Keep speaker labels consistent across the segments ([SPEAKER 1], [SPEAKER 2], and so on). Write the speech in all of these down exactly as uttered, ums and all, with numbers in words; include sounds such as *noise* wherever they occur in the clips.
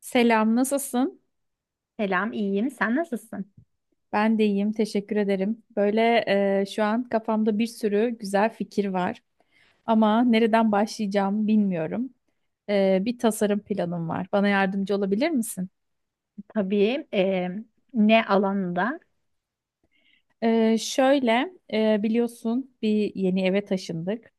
[SPEAKER 1] Selam, nasılsın?
[SPEAKER 2] Selam, iyiyim. Sen nasılsın?
[SPEAKER 1] Ben de iyiyim, teşekkür ederim. Böyle e, şu an kafamda bir sürü güzel fikir var ama nereden başlayacağım bilmiyorum. E, bir tasarım planım var. Bana yardımcı olabilir misin?
[SPEAKER 2] Tabii e, ne alanında?
[SPEAKER 1] E, şöyle, e, biliyorsun bir yeni eve taşındık.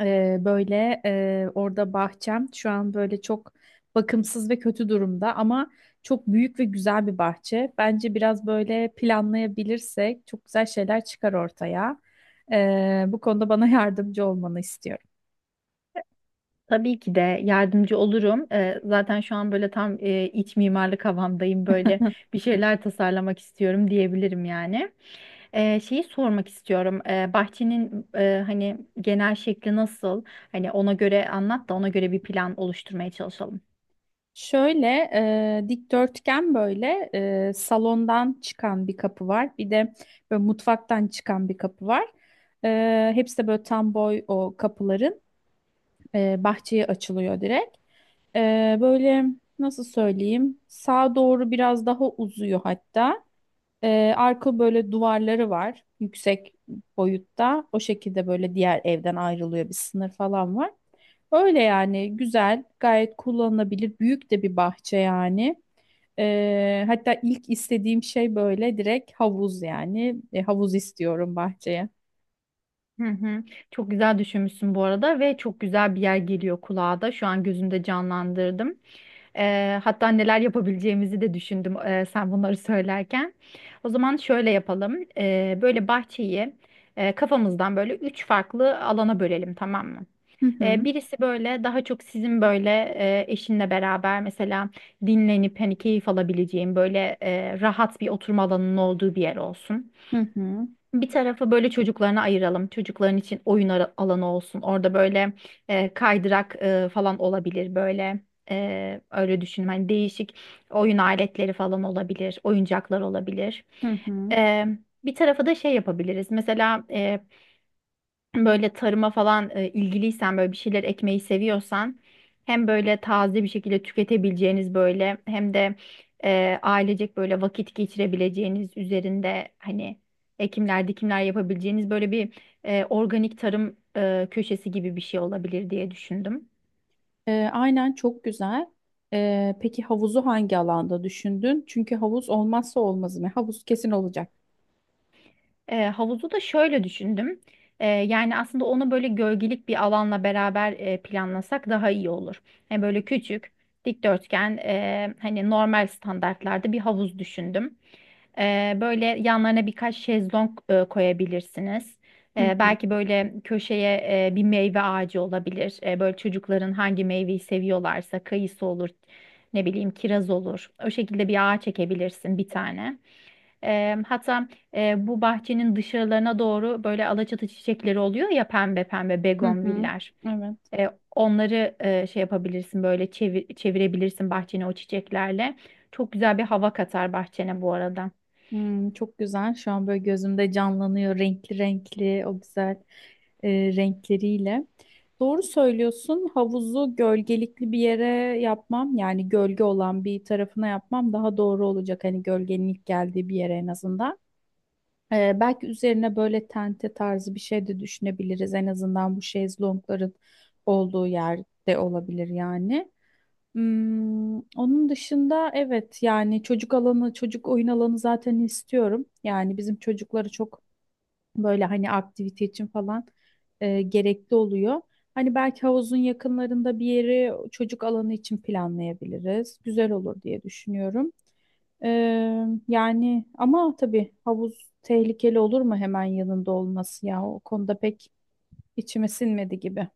[SPEAKER 1] Ee, böyle e, orada bahçem şu an böyle çok bakımsız ve kötü durumda ama çok büyük ve güzel bir bahçe. Bence biraz böyle planlayabilirsek çok güzel şeyler çıkar ortaya. Ee, bu konuda bana *laughs* yardımcı olmanı istiyorum.
[SPEAKER 2] Tabii ki de yardımcı olurum. E, zaten şu an böyle tam e, iç mimarlık havamdayım. Böyle
[SPEAKER 1] *laughs*
[SPEAKER 2] bir şeyler tasarlamak istiyorum diyebilirim yani. E, şeyi sormak istiyorum. E, bahçenin e, hani genel şekli nasıl? Hani ona göre anlat da ona göre bir plan oluşturmaya çalışalım.
[SPEAKER 1] Şöyle e, dikdörtgen böyle e, salondan çıkan bir kapı var. Bir de böyle mutfaktan çıkan bir kapı var. E, hepsi de böyle tam boy o kapıların e, bahçeye açılıyor direkt. E, böyle nasıl söyleyeyim sağa doğru biraz daha uzuyor hatta. Ee, arka böyle duvarları var yüksek boyutta. O şekilde böyle diğer evden ayrılıyor, bir sınır falan var. Öyle yani, güzel, gayet kullanılabilir. Büyük de bir bahçe yani. Ee, hatta ilk istediğim şey böyle direkt havuz yani. E, havuz istiyorum bahçeye.
[SPEAKER 2] Hı hı. Çok güzel düşünmüşsün bu arada ve çok güzel bir yer geliyor kulağa da. Şu an gözümde canlandırdım. Eee, hatta neler yapabileceğimizi de düşündüm eee, sen bunları söylerken. O zaman şöyle yapalım. Eee, böyle bahçeyi eee, kafamızdan böyle üç farklı alana bölelim, tamam mı?
[SPEAKER 1] Hı
[SPEAKER 2] Eee,
[SPEAKER 1] hı.
[SPEAKER 2] birisi böyle daha çok sizin böyle eee, eşinle beraber mesela dinlenip hani keyif alabileceğin böyle eee, rahat bir oturma alanının olduğu bir yer olsun.
[SPEAKER 1] Hı hı.
[SPEAKER 2] Bir tarafı böyle çocuklarına ayıralım. Çocukların için oyun ara- alanı olsun. Orada böyle e, kaydırak e, falan olabilir böyle. E, öyle düşünün. Hani değişik oyun aletleri falan olabilir. Oyuncaklar olabilir.
[SPEAKER 1] Hı hı.
[SPEAKER 2] E, Bir tarafa da şey yapabiliriz. Mesela böyle tarıma falan e, ilgiliysen böyle bir şeyler ekmeyi seviyorsan hem böyle taze bir şekilde tüketebileceğiniz böyle hem de e, ailecek böyle vakit geçirebileceğiniz üzerinde hani ekimler dikimler yapabileceğiniz böyle bir e, organik tarım e, köşesi gibi bir şey olabilir diye düşündüm.
[SPEAKER 1] Ee, aynen, çok güzel. Ee, peki havuzu hangi alanda düşündün? Çünkü havuz olmazsa olmazı mı? Havuz kesin olacak.
[SPEAKER 2] E, havuzu da şöyle düşündüm. E, yani aslında onu böyle gölgelik bir alanla beraber e, planlasak daha iyi olur. Yani böyle küçük, dikdörtgen, e, hani normal standartlarda bir havuz düşündüm. E, böyle yanlarına birkaç şezlong e, koyabilirsiniz.
[SPEAKER 1] Hı
[SPEAKER 2] E,
[SPEAKER 1] hı
[SPEAKER 2] belki böyle köşeye e, bir meyve ağacı olabilir. E, böyle çocukların hangi meyveyi seviyorlarsa kayısı olur, ne bileyim kiraz olur. O şekilde bir ağaç çekebilirsin bir tane. E, hatta e, bu bahçenin dışarılarına doğru böyle alaçatı çiçekleri oluyor ya, pembe pembe
[SPEAKER 1] hı hı.
[SPEAKER 2] begonviller.
[SPEAKER 1] Evet.
[SPEAKER 2] E, Onları e, şey yapabilirsin böyle çevir- çevirebilirsin bahçene o çiçeklerle. Çok güzel bir hava katar bahçene bu arada.
[SPEAKER 1] Hmm, çok güzel. Şu an böyle gözümde canlanıyor renkli renkli o güzel e, renkleriyle. Doğru söylüyorsun. Havuzu gölgelikli bir yere yapmam yani gölge olan bir tarafına yapmam daha doğru olacak. Hani gölgenin ilk geldiği bir yere en azından. Ee, belki üzerine böyle tente tarzı bir şey de düşünebiliriz. En azından bu şezlongların olduğu yerde olabilir yani. Hmm, onun dışında evet yani çocuk alanı, çocuk oyun alanı zaten istiyorum. Yani bizim çocukları çok böyle hani aktivite için falan e, gerekli oluyor. Hani belki havuzun yakınlarında bir yeri çocuk alanı için planlayabiliriz. Güzel olur diye düşünüyorum. Ee, yani ama tabii havuz tehlikeli olur mu hemen yanında olması ya? O konuda pek içime sinmedi gibi.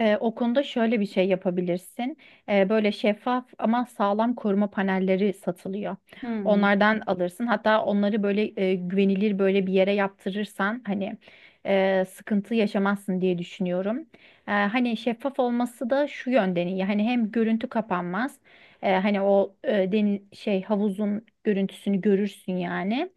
[SPEAKER 2] Ee, o konuda şöyle bir şey yapabilirsin. Ee, böyle şeffaf ama sağlam koruma panelleri satılıyor.
[SPEAKER 1] Hmm.
[SPEAKER 2] Onlardan alırsın. Hatta onları böyle e, güvenilir böyle bir yere yaptırırsan hani e, sıkıntı yaşamazsın diye düşünüyorum. Ee, hani şeffaf olması da şu yönden iyi. Hani hem görüntü kapanmaz. E, hani o e, deniz şey havuzun görüntüsünü görürsün yani.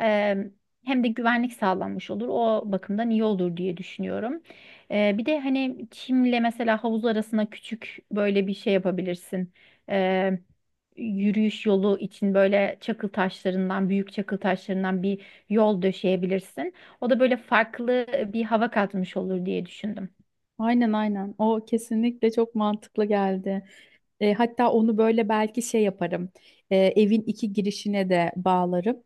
[SPEAKER 2] Eee, Hem de güvenlik sağlanmış olur. O bakımdan iyi olur diye düşünüyorum. Eee, bir de hani çimle mesela havuz arasına küçük böyle bir şey yapabilirsin. Eee, Yürüyüş yolu için böyle çakıl taşlarından, büyük çakıl taşlarından bir yol döşeyebilirsin. O da böyle farklı bir hava katmış olur diye düşündüm.
[SPEAKER 1] Aynen aynen. O kesinlikle çok mantıklı geldi. E, hatta onu böyle belki şey yaparım. E, evin iki girişine de bağlarım.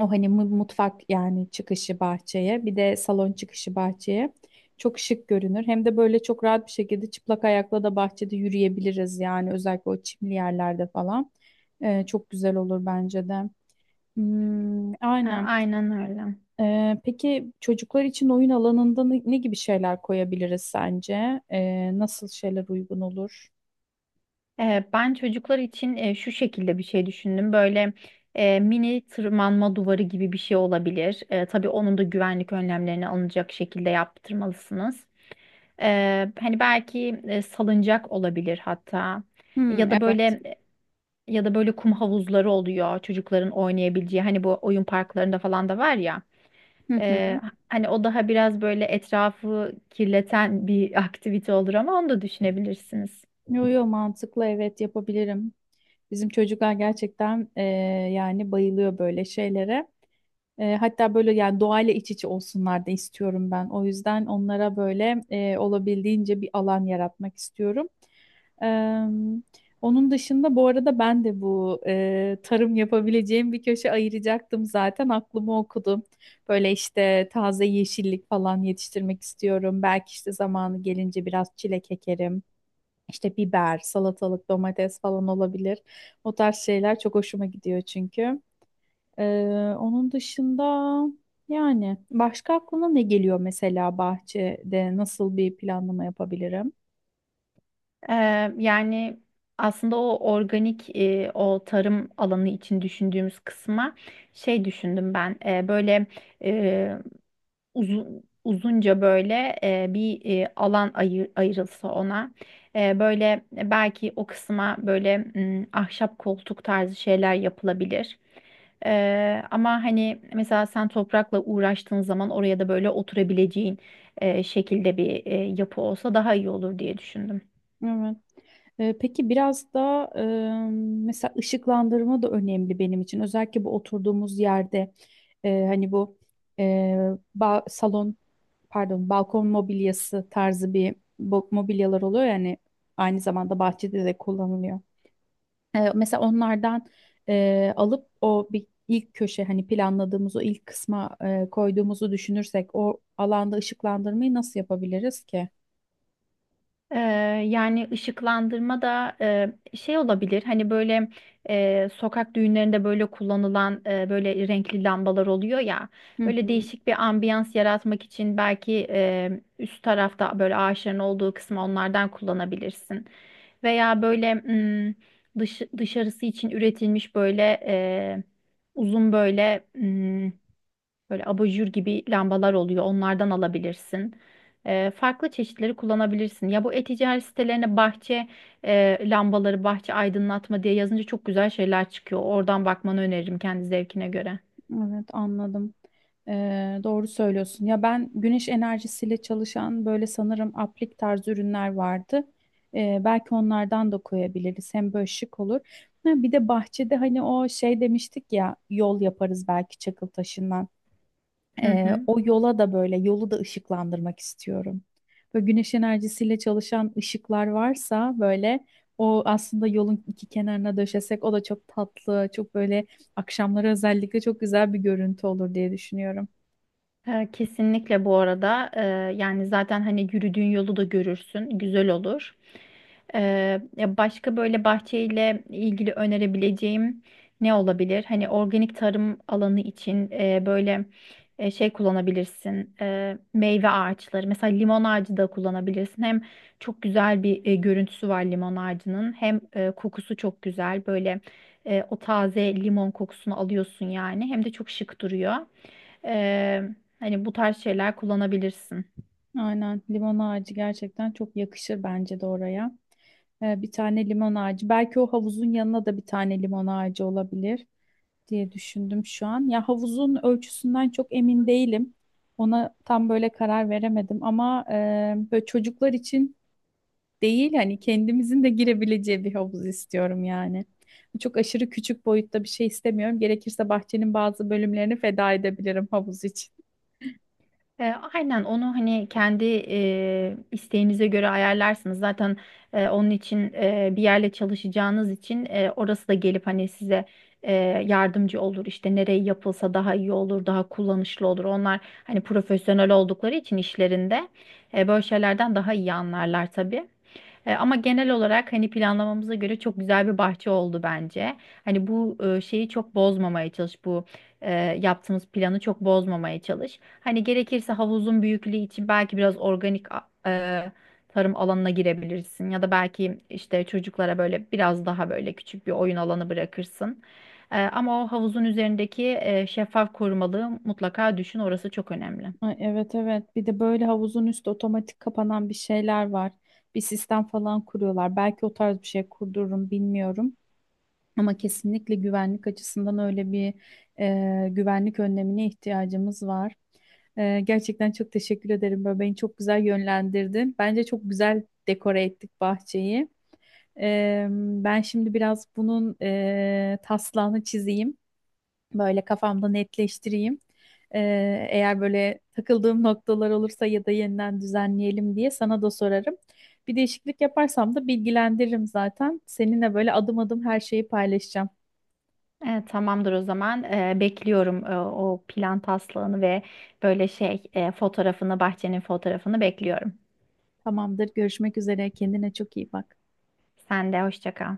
[SPEAKER 1] O hani mu- mutfak yani çıkışı bahçeye, bir de salon çıkışı bahçeye çok şık görünür. Hem de böyle çok rahat bir şekilde çıplak ayakla da bahçede yürüyebiliriz yani, özellikle o çimli yerlerde falan. Ee, çok güzel olur bence de. Hmm,
[SPEAKER 2] Ha,
[SPEAKER 1] aynen.
[SPEAKER 2] aynen öyle.
[SPEAKER 1] Ee, peki çocuklar için oyun alanında ne, ne gibi şeyler koyabiliriz sence? Ee, nasıl şeyler uygun olur?
[SPEAKER 2] Ee, Ben çocuklar için e, şu şekilde bir şey düşündüm. Böyle e, mini tırmanma duvarı gibi bir şey olabilir. E, tabii onun da güvenlik önlemlerini alınacak şekilde yaptırmalısınız. E, hani belki e, salıncak olabilir hatta.
[SPEAKER 1] Hmm,
[SPEAKER 2] Ya da
[SPEAKER 1] evet.
[SPEAKER 2] böyle Ya da böyle kum havuzları oluyor çocukların oynayabileceği. Hani bu oyun parklarında falan da var ya.
[SPEAKER 1] Hı hı.
[SPEAKER 2] E, Hani o daha biraz böyle etrafı kirleten bir *laughs* aktivite olur ama onu da düşünebilirsiniz.
[SPEAKER 1] Yo yo, mantıklı, evet, yapabilirim. Bizim çocuklar gerçekten e, yani bayılıyor böyle şeylere. E, hatta böyle yani doğayla iç içe olsunlar da istiyorum ben. O yüzden onlara böyle e, olabildiğince bir alan yaratmak istiyorum. Em, Onun dışında bu arada ben de bu e, tarım yapabileceğim bir köşe ayıracaktım zaten, aklımı okudum. Böyle işte taze yeşillik falan yetiştirmek istiyorum. Belki işte zamanı gelince biraz çilek ekerim. İşte biber, salatalık, domates falan olabilir. O tarz şeyler çok hoşuma gidiyor çünkü. Ee, onun dışında yani başka aklına ne geliyor, mesela bahçede nasıl bir planlama yapabilirim?
[SPEAKER 2] Eee, yani aslında o organik eee, o tarım alanı için düşündüğümüz kısma şey düşündüm ben, eee, böyle eee, uzun uzunca böyle eee, bir eee, alan ayır, ayrılsa ona. Eee, böyle belki o kısma böyle mm, ahşap koltuk tarzı şeyler yapılabilir. Eee, ama hani mesela sen toprakla uğraştığın zaman oraya da böyle oturabileceğin eee, şekilde bir eee, yapı olsa daha iyi olur diye düşündüm.
[SPEAKER 1] Evet. Ee, Peki biraz da e, mesela ışıklandırma da önemli benim için. Özellikle bu oturduğumuz yerde e, hani bu e, ba- salon pardon balkon mobilyası tarzı bir bo- mobilyalar oluyor yani aynı zamanda bahçede de kullanılıyor. Ee, mesela onlardan e, alıp o bir ilk köşe hani planladığımız o ilk kısma e, koyduğumuzu düşünürsek o alanda ışıklandırmayı nasıl yapabiliriz ki?
[SPEAKER 2] Ee, Yani ışıklandırma da e, şey olabilir hani böyle e, sokak düğünlerinde böyle kullanılan e, böyle renkli lambalar oluyor ya,
[SPEAKER 1] Hı,
[SPEAKER 2] böyle
[SPEAKER 1] hı.
[SPEAKER 2] değişik bir ambiyans yaratmak için belki e, üst tarafta böyle ağaçların olduğu kısmı onlardan kullanabilirsin veya böyle mm, dış, dışarısı için üretilmiş böyle e, uzun böyle böyle abajur gibi lambalar oluyor. Onlardan alabilirsin. Ee, farklı çeşitleri kullanabilirsin. Ya bu e-ticaret sitelerine bahçe e, lambaları, bahçe aydınlatma diye yazınca çok güzel şeyler çıkıyor. Oradan bakmanı öneririm kendi zevkine göre.
[SPEAKER 1] Evet, anladım. Ee, doğru söylüyorsun. Ya ben güneş enerjisiyle çalışan böyle sanırım aplik tarzı ürünler vardı. Ee, belki onlardan da koyabiliriz. Hem böyle şık olur. Ha, bir de bahçede hani o şey demiştik ya yol yaparız belki çakıl taşından.
[SPEAKER 2] Hı
[SPEAKER 1] Ee,
[SPEAKER 2] hı.
[SPEAKER 1] o yola da böyle, yolu da ışıklandırmak istiyorum. Böyle güneş enerjisiyle çalışan ışıklar varsa böyle o aslında yolun iki kenarına döşesek o da çok tatlı, çok böyle akşamları özellikle çok güzel bir görüntü olur diye düşünüyorum.
[SPEAKER 2] E, Kesinlikle. Bu arada E, yani zaten hani yürüdüğün yolu da görürsün, güzel olur. E, Ya başka böyle bahçeyle ilgili önerebileceğim ne olabilir? Hani organik tarım alanı için e, böyle e, şey kullanabilirsin. E, meyve ağaçları mesela, limon ağacı da kullanabilirsin. Hem çok güzel bir e, görüntüsü var limon ağacının, hem e, kokusu çok güzel, böyle e, o taze limon kokusunu alıyorsun yani, hem de çok şık duruyor. Eee, Hani bu tarz şeyler kullanabilirsin.
[SPEAKER 1] Aynen, limon ağacı gerçekten çok yakışır bence de oraya. Ee, bir tane limon ağacı. Belki o havuzun yanına da bir tane limon ağacı olabilir diye düşündüm şu an. Ya havuzun ölçüsünden çok emin değilim. Ona tam böyle karar veremedim ama e, böyle çocuklar için değil hani kendimizin de girebileceği bir havuz istiyorum yani. Çok aşırı küçük boyutta bir şey istemiyorum. Gerekirse bahçenin bazı bölümlerini feda edebilirim havuz için.
[SPEAKER 2] E, aynen onu hani kendi e, isteğinize göre ayarlarsınız. Zaten e, onun için e, bir yerle çalışacağınız için e, orası da gelip hani size e, yardımcı olur. İşte nereye yapılsa daha iyi olur, daha kullanışlı olur. Onlar hani profesyonel oldukları için işlerinde e, böyle şeylerden daha iyi anlarlar tabii. E, ama genel olarak hani planlamamıza göre çok güzel bir bahçe oldu bence. Hani bu e, şeyi çok bozmamaya çalış, bu e, yaptığımız planı çok bozmamaya çalış. Hani gerekirse havuzun büyüklüğü için belki biraz organik a- e, tarım alanına girebilirsin ya da belki işte çocuklara böyle biraz daha böyle küçük bir oyun alanı bırakırsın. E, ama o havuzun üzerindeki e, şeffaf korumalığı mutlaka düşün, orası çok önemli.
[SPEAKER 1] Ay, evet evet, bir de böyle havuzun üstü otomatik kapanan bir şeyler var. Bir sistem falan kuruyorlar. Belki o tarz bir şey kurdururum, bilmiyorum. Ama kesinlikle güvenlik açısından öyle bir e, güvenlik önlemine ihtiyacımız var. E, gerçekten çok teşekkür ederim. Böyle beni çok güzel yönlendirdin. Bence çok güzel dekore ettik bahçeyi. E, ben şimdi biraz bunun e, taslağını çizeyim. Böyle kafamda netleştireyim. E, Eğer böyle takıldığım noktalar olursa ya da yeniden düzenleyelim diye sana da sorarım. Bir değişiklik yaparsam da bilgilendiririm zaten. Seninle böyle adım adım her şeyi paylaşacağım.
[SPEAKER 2] Evet, tamamdır o zaman. Ee, bekliyorum e, o plan taslağını ve böyle şey e, fotoğrafını, bahçenin fotoğrafını bekliyorum.
[SPEAKER 1] Tamamdır. Görüşmek üzere. Kendine çok iyi bak.
[SPEAKER 2] Sen de hoşça kal.